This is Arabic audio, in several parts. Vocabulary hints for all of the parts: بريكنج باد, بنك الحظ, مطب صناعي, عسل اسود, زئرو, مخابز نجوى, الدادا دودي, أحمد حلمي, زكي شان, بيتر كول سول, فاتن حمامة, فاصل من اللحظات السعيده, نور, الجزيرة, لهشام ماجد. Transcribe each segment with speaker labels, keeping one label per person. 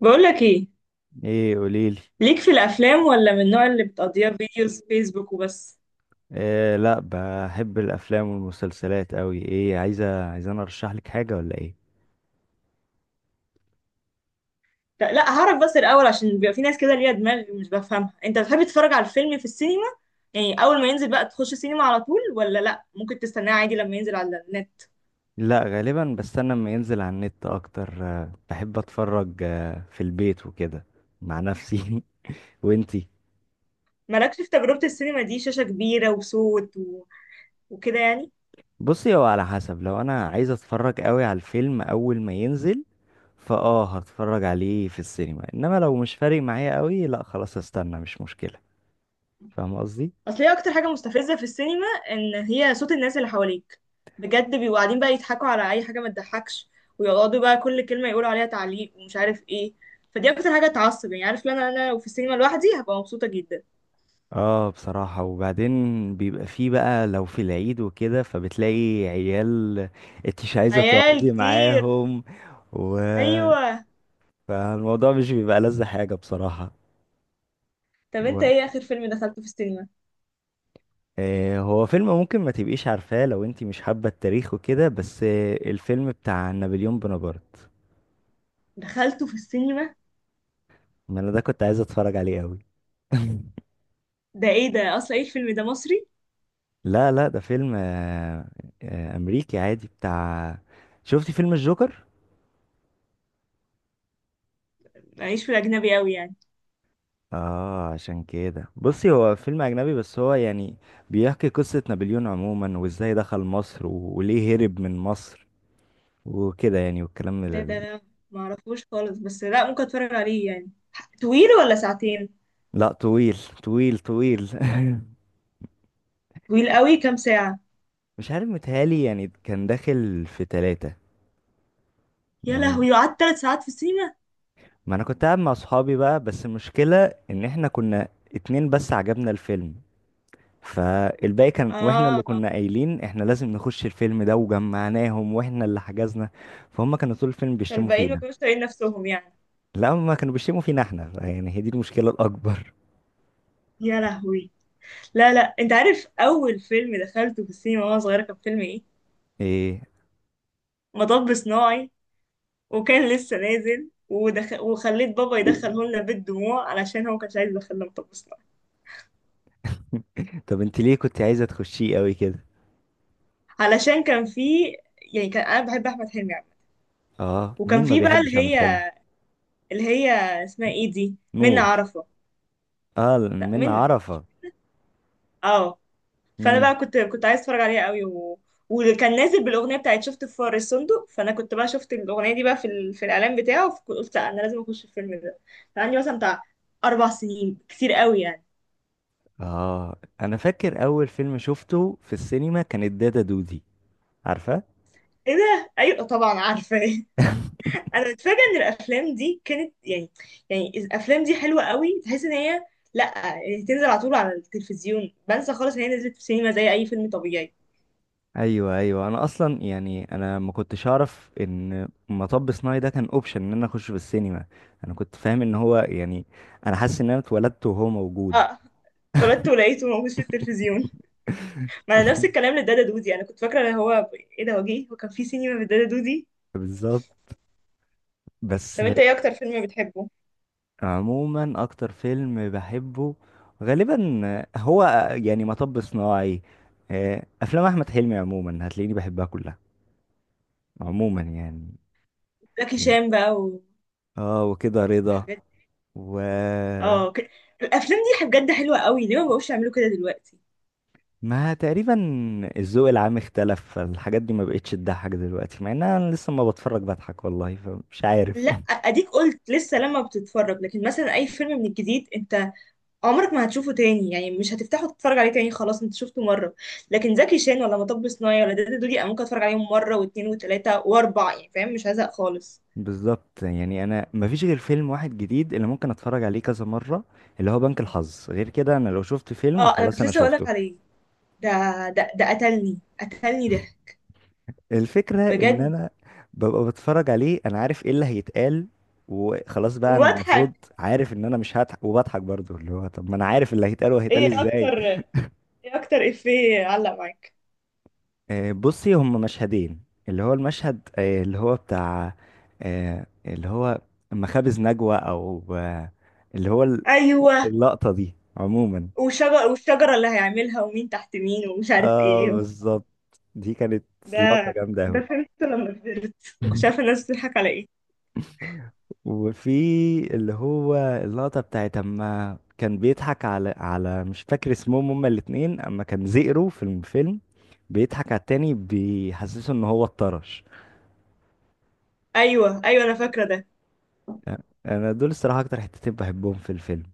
Speaker 1: بقولك ايه؟
Speaker 2: ايه، قوليلي.
Speaker 1: ليك في الافلام ولا من النوع اللي بتقضيها فيديوز فيسبوك وبس؟
Speaker 2: إيه، لا، بحب الافلام والمسلسلات قوي. ايه، عايزه انا ارشح لك حاجه ولا ايه؟
Speaker 1: لا لا، هعرف بس الاول، عشان بيبقى في ناس كده ليها دماغ مش بفهمها. انت بتحب تتفرج على الفيلم في السينما؟ يعني اول ما ينزل بقى تخش السينما على طول، ولا لا، ممكن تستناه عادي لما ينزل على النت؟
Speaker 2: لا، غالبا بستنى اما ينزل على النت اكتر. بحب اتفرج في البيت وكده. مع نفسي. وانتي؟
Speaker 1: مالكش في تجربة السينما دي، شاشة كبيرة وصوت وكده يعني.
Speaker 2: بصي، هو على حسب. لو انا عايز اتفرج قوي على الفيلم اول ما ينزل هتفرج عليه في السينما، انما لو مش فارق معايا قوي، لا خلاص استنى، مش مشكله. فاهم قصدي؟
Speaker 1: اصل هي اكتر حاجه مستفزه في السينما ان هي صوت الناس اللي حواليك، بجد بيبقوا قاعدين بقى يضحكوا على اي حاجه ما تضحكش، ويقعدوا بقى كل كلمه يقولوا عليها تعليق ومش عارف ايه. فدي اكتر حاجه تعصب، يعني عارف، لو انا انا لو في السينما لوحدي هبقى مبسوطه جدا.
Speaker 2: اه، بصراحة. وبعدين بيبقى فيه بقى لو في العيد وكده فبتلاقي عيال انت مش عايزة
Speaker 1: عيال
Speaker 2: تقعدي
Speaker 1: كتير.
Speaker 2: معاهم. و.
Speaker 1: ايوه.
Speaker 2: فالموضوع مش بيبقى لذة حاجة بصراحة.
Speaker 1: طب انت
Speaker 2: و...
Speaker 1: ايه اخر فيلم دخلته في السينما؟
Speaker 2: هو فيلم ممكن ما تبقيش عارفاه لو انت مش حابة التاريخ وكده، بس الفيلم بتاع نابليون بونابرت.
Speaker 1: دخلته في السينما؟
Speaker 2: ما انا ده كنت عايز اتفرج عليه قوي.
Speaker 1: ده ايه ده اصلا، ايه الفيلم ده، مصري؟
Speaker 2: لا لا، ده فيلم امريكي عادي بتاع. شفتي فيلم الجوكر؟
Speaker 1: معيش في الاجنبي قوي يعني.
Speaker 2: اه، عشان كده بصي، هو فيلم اجنبي بس هو يعني بيحكي قصة نابليون عموما وازاي دخل مصر وليه هرب من مصر وكده يعني، والكلام
Speaker 1: لا ده
Speaker 2: ال-
Speaker 1: انا معرفوش خالص، بس لا ممكن اتفرج عليه يعني. طويل ولا ساعتين؟
Speaker 2: لا، طويل. طويل طويل.
Speaker 1: طويل قوي، كام ساعه؟
Speaker 2: مش عارف، متهيألي يعني كان داخل في 3.
Speaker 1: يا
Speaker 2: يعني،
Speaker 1: لهوي، وقعدت 3 ساعات في سينا؟
Speaker 2: ما انا كنت قاعد مع صحابي بقى، بس المشكلة ان احنا كنا 2 بس عجبنا الفيلم. فالباقي كان، واحنا اللي
Speaker 1: اه.
Speaker 2: كنا قايلين احنا لازم نخش الفيلم ده وجمعناهم واحنا اللي حجزنا. فهم كانوا طول الفيلم بيشتموا
Speaker 1: فالباقيين ما
Speaker 2: فينا.
Speaker 1: كانوش طايقين نفسهم يعني؟
Speaker 2: لا، ما كانوا بيشتموا فينا احنا يعني، هي دي المشكلة الأكبر.
Speaker 1: يا لهوي. لا لا، انت عارف اول فيلم دخلته في السينما وانا صغيره كان فيلم ايه؟
Speaker 2: ايه؟
Speaker 1: مطب صناعي. وكان لسه نازل وخليت بابا يدخله لنا بالدموع، علشان هو كانش عايز يدخلنا مطب صناعي.
Speaker 2: طب انت ليه كنت عايزة تخشيه قوي كده؟
Speaker 1: علشان كان في، يعني كان انا بحب احمد حلمي عامه.
Speaker 2: اه،
Speaker 1: وكان
Speaker 2: مين ما
Speaker 1: في بقى
Speaker 2: بيحبش
Speaker 1: اللي
Speaker 2: أحمد حلمي.
Speaker 1: هي اللي هي اسمها ايه دي، منى
Speaker 2: نور.
Speaker 1: عرفه.
Speaker 2: اه،
Speaker 1: لا
Speaker 2: من
Speaker 1: منى.
Speaker 2: عرفة.
Speaker 1: اه. فانا
Speaker 2: مم.
Speaker 1: بقى كنت عايز اتفرج عليها قوي وكان نازل بالاغنيه بتاعت شفت في فار الصندوق، فانا كنت بقى شفت الاغنيه دي بقى في في الاعلان بتاعه، فقلت لا، انا لازم اخش الفيلم ده. كان عندي مثلا بتاع 4 سنين، كتير قوي يعني.
Speaker 2: اه، انا فاكر اول فيلم شفته في السينما كان الدادا دودي. عارفة؟
Speaker 1: ايه ده، ايوه طبعا عارفه انا متفاجئه ان الافلام دي كانت يعني، يعني الافلام دي حلوه قوي، تحس ان هي، لا يعني تنزل على طول على التلفزيون، بنسى خالص ان هي نزلت في السينما زي اي فيلم طبيعي.
Speaker 2: ايوه، ايوه، انا اصلا يعني انا ما كنتش اعرف ان مطب صناعي ده كان اوبشن ان انا اخش في السينما. انا كنت فاهم ان هو يعني انا حاسس ان انا اتولدت وهو موجود.
Speaker 1: اه. اتولدت ولقيته موجود في التلفزيون. ما انا نفس الكلام لدادا دودي، انا كنت فاكره ان هو ايه ده، هو جه، هو كان في سينما في دادا دودي؟
Speaker 2: بالظبط. بس
Speaker 1: طب انت ايه اكتر فيلم بتحبه؟
Speaker 2: عموما اكتر فيلم بحبه غالبا هو يعني مطب صناعي. افلام احمد حلمي عموما هتلاقيني بحبها كلها عموما يعني.
Speaker 1: زكي
Speaker 2: يعني.
Speaker 1: شان بقى.
Speaker 2: اه، وكده رضا.
Speaker 1: وحاجات.
Speaker 2: و.
Speaker 1: اه ك... الافلام دي بجد حلوه قوي، ليه ما بقوش يعملوا كده دلوقتي؟
Speaker 2: ما تقريبا الذوق العام اختلف فالحاجات دي ما بقتش تضحك دلوقتي، مع ان انا لسه ما بتفرج بضحك والله، فمش عارف.
Speaker 1: لا اديك قلت لسه لما بتتفرج، لكن مثلا اي فيلم من الجديد انت عمرك ما هتشوفه تاني، يعني مش هتفتحه تتفرج عليه تاني، خلاص انت شفته مره. لكن زكي شان ولا مطب صناعي ولا دادا دودي انا ممكن اتفرج عليهم مره واتنين وتلاته واربعه، يعني فاهم، مش هزهق خالص.
Speaker 2: بالظبط، يعني انا ما فيش غير فيلم واحد جديد اللي ممكن اتفرج عليه كذا مرة، اللي هو بنك الحظ. غير كده انا لو شفت فيلم
Speaker 1: اه، انا
Speaker 2: خلاص
Speaker 1: كنت
Speaker 2: انا
Speaker 1: لسه هقولك
Speaker 2: شفته.
Speaker 1: عليه. ده ده قتلني قتلني ده
Speaker 2: الفكرة ان
Speaker 1: بجد.
Speaker 2: انا ببقى بتفرج عليه انا عارف ايه اللي هيتقال وخلاص بقى. انا المفروض
Speaker 1: وبضحك.
Speaker 2: عارف ان انا مش هضحك وبضحك برضو، اللي هو طب ما انا عارف اللي هيتقال وهيتقال
Speaker 1: ايه
Speaker 2: ازاي.
Speaker 1: اكتر ايه اكتر افيه علق معاك؟
Speaker 2: بصي، هم مشهدين. اللي هو المشهد اللي هو بتاع اللي هو مخابز نجوى، او اللي هو
Speaker 1: ايوه،
Speaker 2: اللقطة دي عموما.
Speaker 1: وشجر والشجره اللي هيعملها ومين تحت مين ومش عارف
Speaker 2: اه،
Speaker 1: ايه.
Speaker 2: بالظبط. دي كانت لقطة
Speaker 1: ده،
Speaker 2: جامدة
Speaker 1: ده
Speaker 2: أوي.
Speaker 1: فهمته لما كبرت، مش عارفه الناس بتضحك على ايه.
Speaker 2: وفي اللي هو اللقطة بتاعت اما كان بيضحك على مش فاكر اسمهم هما الاتنين، اما كان زئرو في الفيلم بيضحك على التاني بيحسسه ان هو اتطرش.
Speaker 1: ايوه ايوه، انا فاكره ده.
Speaker 2: انا دول الصراحة اكتر حتتين بحبهم في الفيلم.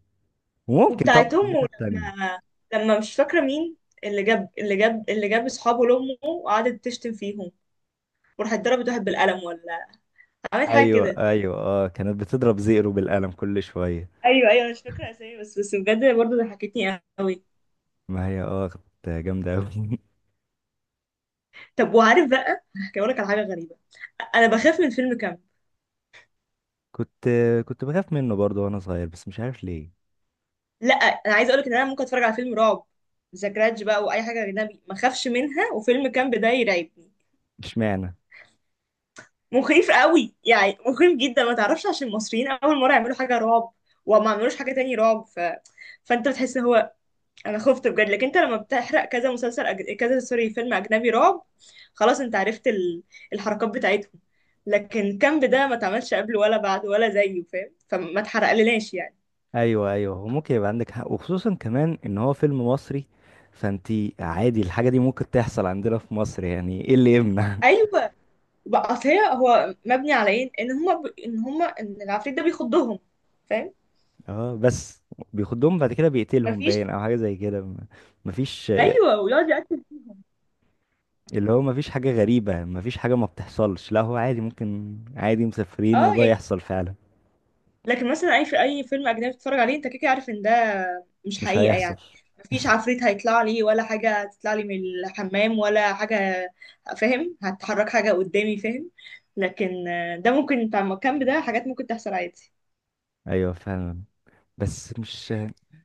Speaker 2: وممكن طبعا
Speaker 1: وبتاعت
Speaker 2: الحتة
Speaker 1: امه،
Speaker 2: التانية.
Speaker 1: لما لما مش فاكره مين اللي جاب اصحابه لامه، وقعدت تشتم فيهم، وراحت ضربت واحد بالقلم ولا عملت حاجه
Speaker 2: ايوه،
Speaker 1: كده.
Speaker 2: ايوه، اه، كانت بتضرب زئرو بالقلم كل شوية.
Speaker 1: ايوه ايوه، أنا مش فاكره اسامي، بس بجد برضه ضحكتني قوي.
Speaker 2: ما هي اه، كانت جامدة اوي.
Speaker 1: طب وعارف بقى، هحكي لك على حاجه غريبه. انا بخاف من فيلم كامب.
Speaker 2: كنت كنت بخاف منه برضه وانا صغير، بس مش عارف ليه.
Speaker 1: لا انا عايزه اقول لك ان انا ممكن اتفرج على فيلم رعب ذا جراج بقى، واي حاجه اجنبي ما اخافش منها، وفيلم كامب ده يرعبني.
Speaker 2: اشمعنى؟
Speaker 1: مخيف قوي يعني، مخيف جدا، ما تعرفش عشان المصريين اول مره يعملوا حاجه رعب، وما عملوش حاجه تاني رعب فانت بتحس إن هو، انا خفت بجد. لكن انت لما بتحرق كذا مسلسل كذا سوري فيلم اجنبي رعب، خلاص انت عرفت الحركات بتاعتهم. لكن كامب ده ما اتعملش قبله ولا بعده ولا زيه فاهم، فما اتحرقلناش يعني.
Speaker 2: ايوه، ايوه، هو ممكن يبقى عندك حق، وخصوصا كمان ان هو فيلم مصري. فانتي عادي الحاجه دي ممكن تحصل عندنا في مصر، يعني ايه اللي يمنع.
Speaker 1: ايوه بقى، اصل هي، هو مبني على ايه، ان هما ان هما ان العفريت ده بيخضهم، فاهم؟
Speaker 2: اه بس بيخدهم بعد كده بيقتلهم
Speaker 1: مفيش.
Speaker 2: باين او حاجه زي كده. مفيش.
Speaker 1: ايوه، ويقعد يقتل.
Speaker 2: اللي هو مفيش حاجه غريبه، مفيش حاجه ما بتحصلش، لا هو عادي، ممكن عادي مسافرين
Speaker 1: اه
Speaker 2: وده
Speaker 1: يعني.
Speaker 2: يحصل فعلا.
Speaker 1: لكن مثلا اي فيلم اجنبي تتفرج عليه انت كده كده عارف ان ده مش
Speaker 2: مش
Speaker 1: حقيقه
Speaker 2: هيحصل.
Speaker 1: يعني. مفيش عفريت هيطلع لي ولا حاجه هتطلع لي من الحمام ولا حاجه، فاهم، هتحرك حاجه قدامي، فاهم. لكن ده ممكن بتاع الكامب ده حاجات ممكن تحصل عادي.
Speaker 2: ايوه، فعلا. بس مش،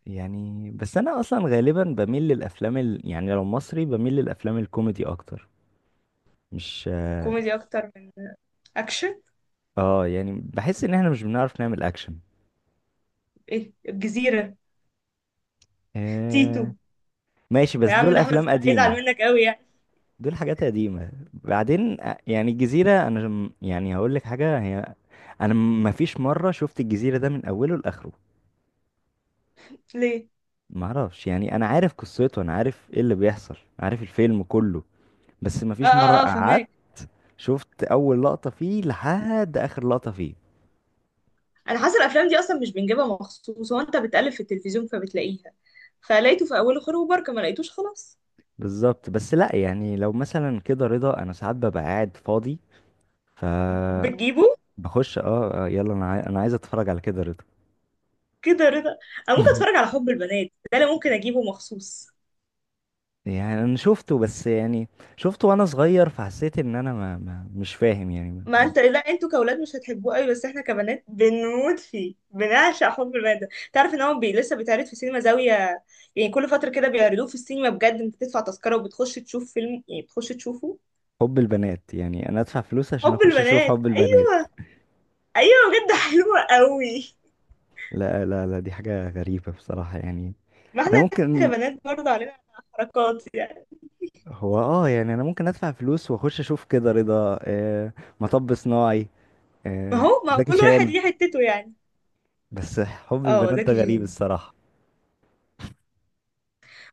Speaker 2: يعني بس انا اصلا غالبا بميل للافلام يعني لو مصري بميل للافلام الكوميدي اكتر. مش
Speaker 1: كوميدي اكتر من اكشن.
Speaker 2: اه، يعني بحس ان احنا مش بنعرف نعمل اكشن.
Speaker 1: ايه الجزيره. تيتو.
Speaker 2: آه. ماشي بس
Speaker 1: يا عم
Speaker 2: دول
Speaker 1: ده احمد
Speaker 2: افلام
Speaker 1: السقا يزعل
Speaker 2: قديمة.
Speaker 1: منك قوي يعني.
Speaker 2: دول حاجات قديمة. بعدين يعني الجزيرة انا يعني هقول لك حاجة. هي انا ما فيش مرة شفت الجزيرة ده من اوله لاخره.
Speaker 1: ليه؟
Speaker 2: ما اعرفش، يعني انا عارف قصته، انا عارف ايه اللي بيحصل، عارف الفيلم كله، بس ما
Speaker 1: اه
Speaker 2: فيش مرة
Speaker 1: اه اه،
Speaker 2: قعدت
Speaker 1: فهماك.
Speaker 2: شفت اول لقطة فيه لحد اخر لقطة فيه.
Speaker 1: انا حاسه الافلام دي اصلا مش بنجيبها مخصوص، هو انت بتقلب في التلفزيون فبتلاقيها، فلقيته في اوله خير وبركه، ما لقيتوش خلاص.
Speaker 2: بالظبط. بس لا يعني لو مثلا كده رضا انا ساعات ببقى قاعد فاضي، ف
Speaker 1: بتجيبه.
Speaker 2: بخش اه، يلا انا انا عايز اتفرج على كده رضا.
Speaker 1: كده رضا. انا ممكن اتفرج على حب البنات، ده انا ممكن اجيبه مخصوص.
Speaker 2: يعني انا شفته بس يعني شفته وانا صغير فحسيت ان انا ما... ما... مش فاهم يعني
Speaker 1: ما
Speaker 2: ما-
Speaker 1: انت لا انتوا كاولاد مش هتحبوه قوي، بس احنا كبنات بنموت فيه، بنعشق حب البنات ده، تعرف ان هو بي لسه بيتعرض في سينما زاويه، يعني كل فتره كده بيعرضوه في السينما بجد، انت تدفع تذكره وبتخش تشوف فيلم، يعني بتخش تشوفه.
Speaker 2: حب البنات؟ يعني انا ادفع فلوس عشان
Speaker 1: حب
Speaker 2: اخش اشوف
Speaker 1: البنات،
Speaker 2: حب البنات؟
Speaker 1: ايوه. ايوه بجد حلوه قوي.
Speaker 2: لا لا لا، دي حاجة غريبة بصراحة يعني.
Speaker 1: ما
Speaker 2: انا
Speaker 1: احنا
Speaker 2: ممكن،
Speaker 1: كبنات برضه علينا حركات يعني.
Speaker 2: هو اه، يعني انا ممكن ادفع فلوس واخش اشوف كده رضا، مطب صناعي،
Speaker 1: ما هو ما هو
Speaker 2: زكي
Speaker 1: كل واحد
Speaker 2: شان.
Speaker 1: ليه حتته يعني.
Speaker 2: بس حب
Speaker 1: اه
Speaker 2: البنات ده
Speaker 1: زكي
Speaker 2: غريب
Speaker 1: شان.
Speaker 2: الصراحة.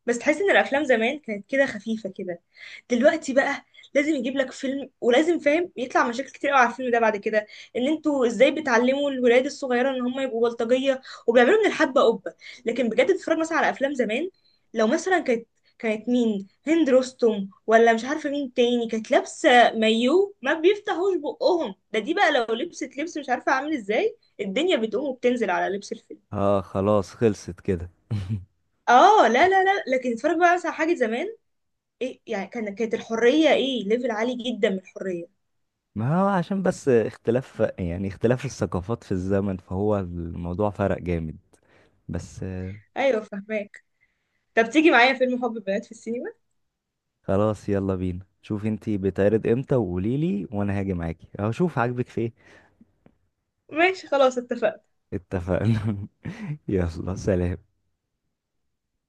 Speaker 1: بس تحس ان الافلام زمان كانت كده خفيفه كده، دلوقتي بقى لازم يجيب لك فيلم، ولازم فاهم يطلع مشاكل كتير قوي على الفيلم ده بعد كده، ان انتوا ازاي بتعلموا الولاد الصغيره ان هم يبقوا بلطجيه، وبيعملوا من الحبه قبه. لكن بجد تتفرج مثلا على افلام زمان، لو مثلا كانت مين، هند رستم ولا مش عارفه مين تاني، كانت لابسه مايو ما بيفتحوش بقهم، ده دي بقى لو لبست لبس مش عارفه عامل ازاي الدنيا بتقوم وبتنزل على لبس الفيلم.
Speaker 2: اه خلاص، خلصت كده.
Speaker 1: اه لا لا لا، لكن تتفرج بقى مثلا على حاجه زمان. ايه يعني، كانت الحريه ايه، ليفل عالي جدا من الحريه.
Speaker 2: ما هو عشان بس اختلاف، يعني اختلاف الثقافات في الزمن، فهو الموضوع فرق جامد. بس،
Speaker 1: ايوه، فهماك. طب تيجي معايا فيلم حب بنات في السينما؟
Speaker 2: خلاص يلا بينا. شوف انتي بتعرض امتى وقوليلي وانا هاجي معاكي هشوف عاجبك في ايه.
Speaker 1: ماشي خلاص، اتفقنا.
Speaker 2: اتفقنا. يلا سلام.